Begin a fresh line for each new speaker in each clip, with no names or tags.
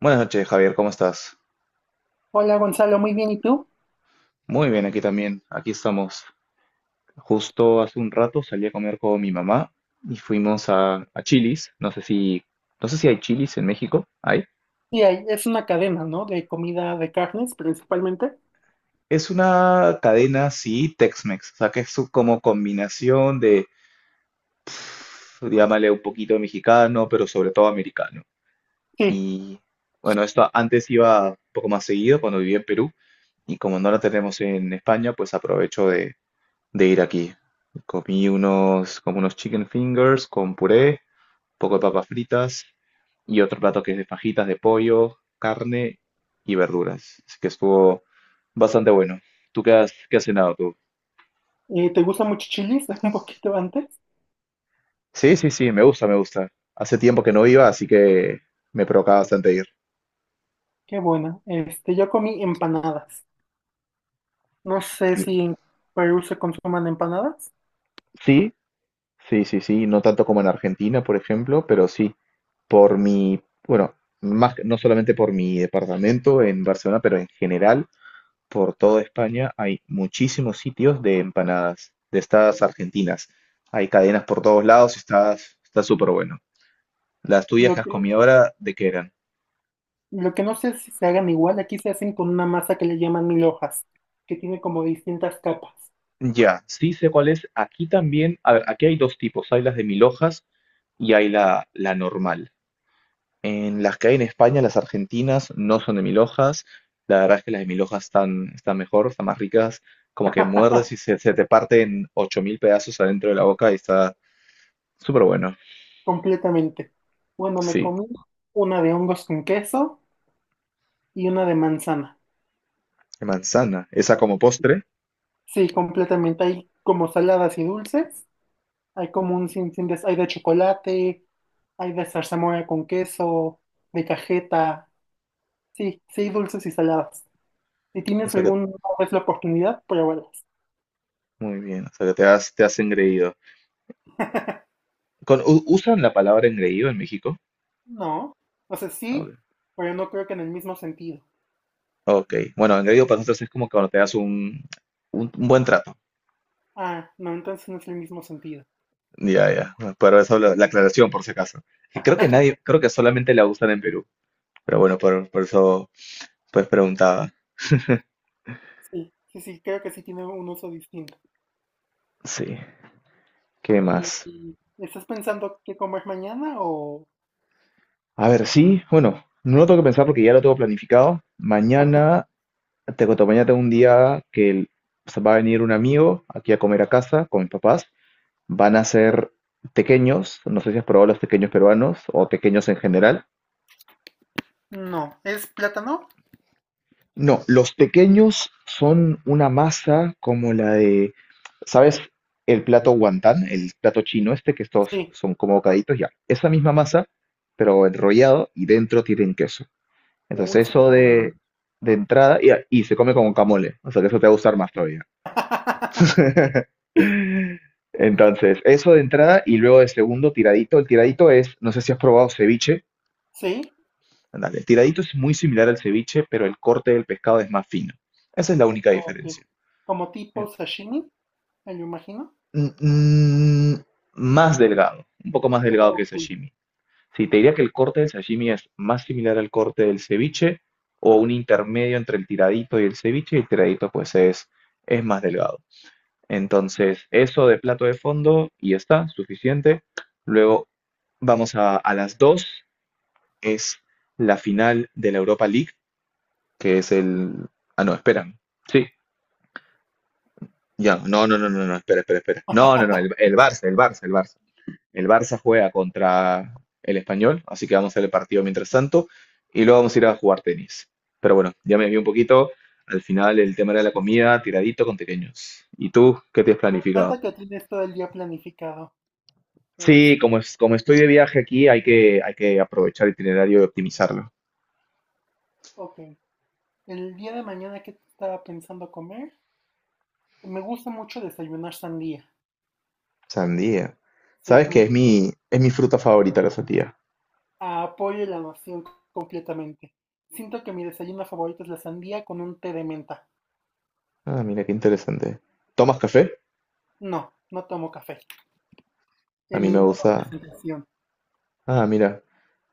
Buenas noches, Javier, ¿cómo estás?
Hola Gonzalo, muy bien, ¿y tú?
Muy bien, aquí también, aquí estamos. Justo hace un rato salí a comer con mi mamá y fuimos a Chili's. No sé si hay Chili's en México. ¿Hay?
Sí, es una cadena, ¿no? De comida de carnes principalmente.
Es una cadena, sí, Tex-Mex. O sea, que como combinación de, llámale un poquito mexicano, pero sobre todo americano.
Sí,
Y bueno, esto antes iba un poco más seguido cuando vivía en Perú. Y como no la tenemos en España, pues aprovecho de ir aquí. Comí unos, como unos chicken fingers con puré, un poco de papas fritas y otro plato que es de fajitas de pollo, carne y verduras. Así que estuvo bastante bueno. ¿Tú qué qué has cenado tú?
¿te gusta mucho chilis? Un poquito antes.
Sí, sí, sí, me gusta, me gusta. Hace tiempo que no iba, así que me provocaba bastante ir.
Qué bueno. Este, yo comí empanadas. No sé
Y-
si en Perú se consuman empanadas.
sí, sí, sí, sí, no tanto como en Argentina, por ejemplo, pero sí, por mi, bueno, no solamente por mi departamento en Barcelona, pero en general. Por toda España hay muchísimos sitios de empanadas, de estas argentinas. Hay cadenas por todos lados, está súper bueno. Las tuyas que
Lo
has
que,
comido ahora, ¿de qué eran?
lo que no sé es si se hagan igual, aquí se hacen con una masa que le llaman mil hojas, que tiene como distintas capas,
Ya, sí sé cuál es. Aquí también, a ver, aquí hay dos tipos, hay las de mil hojas y hay la normal. En las que hay en España, las argentinas no son de mil hojas. La verdad es que las de mil hojas están mejor, están más ricas. Como que muerdes y se te parten 8.000 pedazos adentro de la boca y está súper bueno.
completamente. Bueno, me
Sí.
comí una de hongos con queso y una de manzana.
De manzana. Esa como postre.
Sí, completamente. Hay como saladas y dulces. Hay como un sinfín de... Hay de chocolate, hay de zarzamora con queso, de cajeta. Sí, sí, dulces y saladas. Si
O
tienes
sea que,
alguna vez la oportunidad, pruébalas.
muy bien. O sea que te te has engreído. ¿Usan la palabra engreído en México?
No. O sea, sí,
Ok.
pero no creo que en el mismo sentido.
Ok. Bueno, engreído para nosotros es como cuando te das un buen trato.
Ah, no, entonces no es el mismo sentido.
Ya, ya. Pero eso la aclaración, por si acaso. Que creo que nadie, creo que solamente la usan en Perú. Pero bueno, por eso pues preguntaba.
Sí, sí, sí, creo que sí tiene un uso distinto.
Sí. ¿Qué
¿Y,
más?
y estás pensando qué comer mañana o...?
A ver, sí, bueno, no lo tengo que pensar porque ya lo tengo planificado. Mañana Te cuento, mañana tengo un día se va a venir un amigo aquí a comer a casa con mis papás. Van a ser tequeños, no sé si has probado los tequeños peruanos o tequeños en general.
No. ¿Es plátano?
No, los tequeños son una masa como la de, ¿sabes? El plato guantán, el plato chino este, que estos
Sí.
son como bocaditos, ya. Esa misma masa, pero enrollado y dentro tienen queso.
Uy,
Entonces
suena
eso
muy bien.
de entrada y se come con guacamole, o sea que eso te va a gustar más todavía. Entonces, eso de entrada y luego de segundo, tiradito. El tiradito es, no sé si has probado ceviche.
Sí.
Ándale, el tiradito es muy similar al ceviche, pero el corte del pescado es más fino. Esa es la única
Ok.
diferencia.
Como
Eh,
tipo sashimi, me lo imagino.
mm, mm, más delgado, un poco más delgado que el
Ok.
sashimi. Sí, te diría que el corte del sashimi es más similar al corte del ceviche o un intermedio entre el tiradito y el ceviche, y el tiradito pues es más delgado. Entonces, eso de plato de fondo y ya está, suficiente. Luego vamos a las 2 es la final de la Europa League, que es el... Ah, no, esperan. Sí, ya, no, no, no, no, no, espera, espera, espera. No, no, no, el Barça, el Barça, el Barça. El Barça juega contra el Español, así que vamos a hacer el partido mientras tanto y luego vamos a ir a jugar tenis. Pero bueno, ya me vi un poquito. Al final el tema de la comida, tiradito con pequeños. ¿Y tú qué te has
Me encanta
planificado?
que tienes todo el día planificado. Es,
Sí, como estoy de viaje aquí, hay que aprovechar el itinerario y optimizarlo.
ok. El día de mañana, ¿qué estaba pensando comer? Me gusta mucho desayunar sandía.
Sandía.
Sí,
¿Sabes qué? Es mi fruta favorita, la sandía.
apoyo la noción completamente. Siento que mi desayuno favorito es la sandía con un té de menta.
Ah, mira, qué interesante. ¿Tomas café?
No, no tomo café.
A
En
mí me
ninguna
gusta.
presentación.
Ah, mira.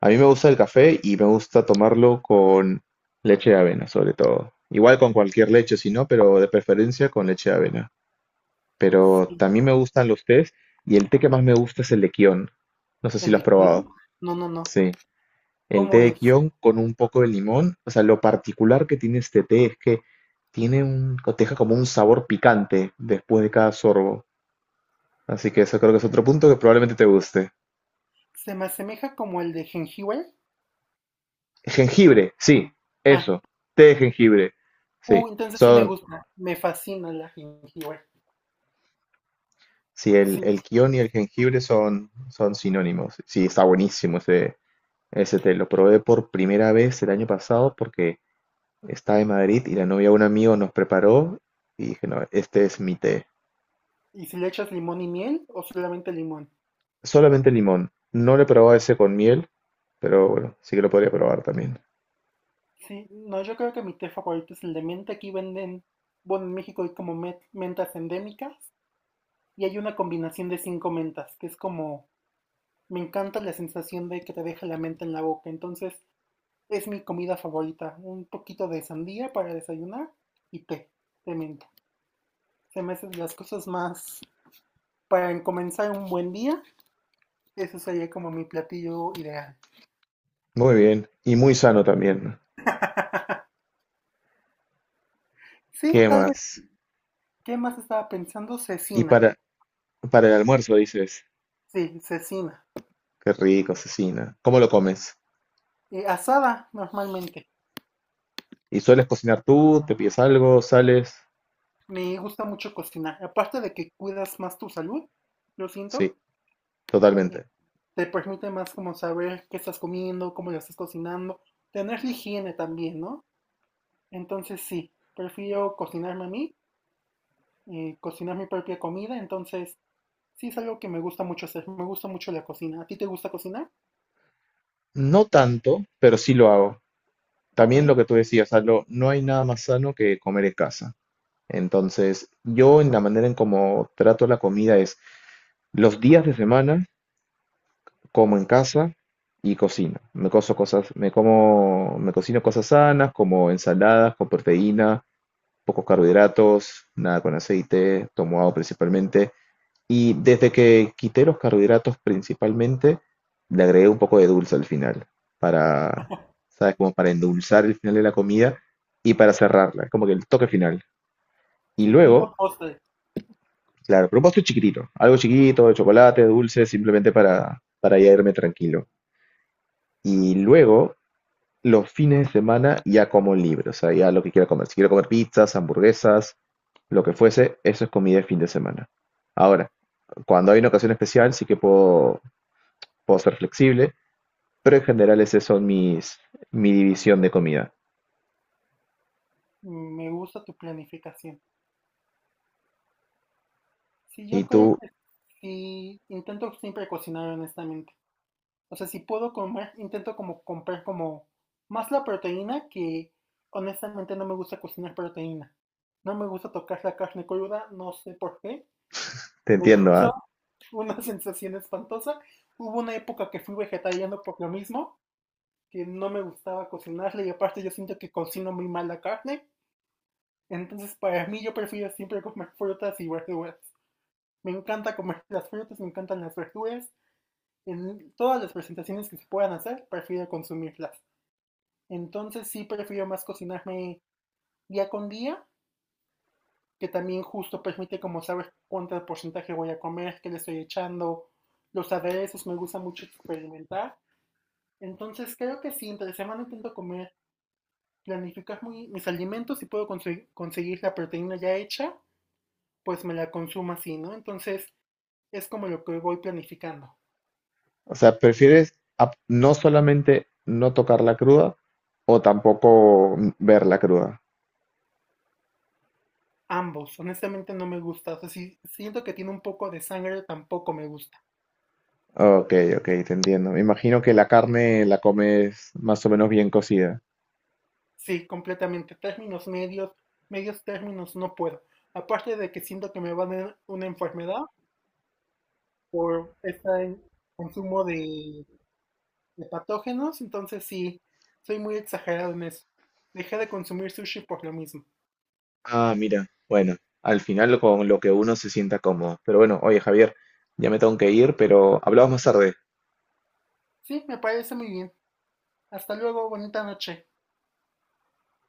A mí me gusta el café y me gusta tomarlo con leche de avena, sobre todo. Igual con cualquier leche, si no, pero de preferencia con leche de avena. Pero
Sí.
también me gustan los tés y el té que más me gusta es el de Kion. No sé si
¿El
lo has
de
probado.
quién? No, no, no.
Sí. El té
¿Cómo
de
es?
Kion con un poco de limón. O sea, lo particular que tiene este té es que tiene te deja como un sabor picante después de cada sorbo. Así que eso creo que es otro punto que probablemente te guste.
Se me asemeja como el de jengibre.
Jengibre, sí,
Ah,
eso. Té de jengibre. Sí,
uh, entonces sí me
son,
gusta, me fascina la jengibre.
sí,
Sí,
el kion y el jengibre son sinónimos. Sí, está buenísimo ese té. Lo probé por primera vez el año pasado porque estaba en Madrid y la novia de un amigo nos preparó y dije, no, este es mi té.
¿y si le echas limón y miel o solamente limón?
Solamente limón. No lo he probado ese con miel, pero bueno, sí que lo podría probar también.
Sí, no, yo creo que mi té favorito es el de menta. Aquí venden, bueno, en México hay como mentas endémicas y hay una combinación de 5 mentas, que es como, me encanta la sensación de que te deja la menta en la boca. Entonces, es mi comida favorita. Un poquito de sandía para desayunar y té de menta. Se me hacen las cosas más, para comenzar un buen día, eso sería como mi platillo ideal.
Muy bien. Y muy sano también.
Sí,
¿Qué
tal vez.
más?
¿Qué más estaba pensando?
Y
Cecina.
para, para el almuerzo dices,
Sí, cecina.
qué rico, cecina. ¿Cómo lo comes?
Asada, normalmente.
¿Y sueles cocinar tú? ¿Te pides algo? ¿Sales?
Me gusta mucho cocinar. Aparte de que cuidas más tu salud, lo
Sí,
siento. eh,
totalmente.
Te permite más como saber qué estás comiendo, cómo lo estás cocinando. Tener la higiene también, ¿no? Entonces sí, prefiero cocinarme a mí, cocinar mi propia comida. Entonces sí es algo que me gusta mucho hacer. Me gusta mucho la cocina. ¿A ti te gusta cocinar?
No tanto, pero sí lo hago.
Ok.
También lo que tú decías, Aldo, no hay nada más sano que comer en casa. Entonces, yo en la manera en cómo trato la comida es los días de semana como en casa y cocino. Me coso cosas, me como, me cocino cosas sanas, como ensaladas con proteína, pocos carbohidratos, nada con aceite, tomo agua principalmente. Y desde que quité los carbohidratos principalmente, le agregué un poco de dulce al final, para, ¿sabes? Como para endulzar el final de la comida y para cerrarla, como que el toque final. Y
Sí, un
luego,
buen postre.
claro, pero un postre chiquitito, algo chiquito, de chocolate, dulce, simplemente para ya irme tranquilo. Y luego los fines de semana ya como libre, o sea, ya lo que quiera comer. Si quiero comer pizzas, hamburguesas, lo que fuese, eso es comida de fin de semana. Ahora, cuando hay una ocasión especial, sí que puedo ser flexible, pero en general mi división de comida.
Mm, me gusta tu planificación. Sí,
Y
yo creo.
tú,
Y intento siempre cocinar honestamente. O sea, si puedo comer, intento como comprar como más la proteína que honestamente no me gusta cocinar proteína. No me gusta tocar la carne cruda, no sé por qué.
te
Me
entiendo,
causa
¿ah?
una sensación espantosa. Hubo una época que fui vegetariano por lo mismo, que no me gustaba cocinarla y aparte yo siento que cocino muy mal la carne. Entonces para mí yo prefiero siempre comer frutas y verduras. Me encanta comer las frutas, me encantan las verduras. En todas las presentaciones que se puedan hacer, prefiero consumirlas. Entonces sí prefiero más cocinarme día con día, que también justo permite como saber cuánto porcentaje voy a comer, qué le estoy echando, los aderezos, me gusta mucho experimentar. Entonces creo que sí, entre semana intento comer, planificar mis alimentos si puedo conseguir, conseguir la proteína ya hecha, pues me la consumo así, ¿no? Entonces es como lo que voy planificando.
O sea, prefieres no solamente no tocarla cruda o tampoco verla cruda.
Ambos, honestamente no me gusta. O sea, si siento que tiene un poco de sangre, tampoco me gusta.
Ok, ok, te entiendo. Me imagino que la carne la comes más o menos bien cocida.
Sí, completamente. Términos medios, medios términos no puedo. Aparte de que siento que me van a dar una enfermedad por este consumo de patógenos, entonces sí, soy muy exagerado en eso. Dejé de consumir sushi por lo mismo.
Ah, mira, bueno, al final con lo que uno se sienta cómodo. Pero bueno, oye Javier, ya me tengo que ir, pero hablamos más tarde.
Sí, me parece muy bien. Hasta luego, bonita noche.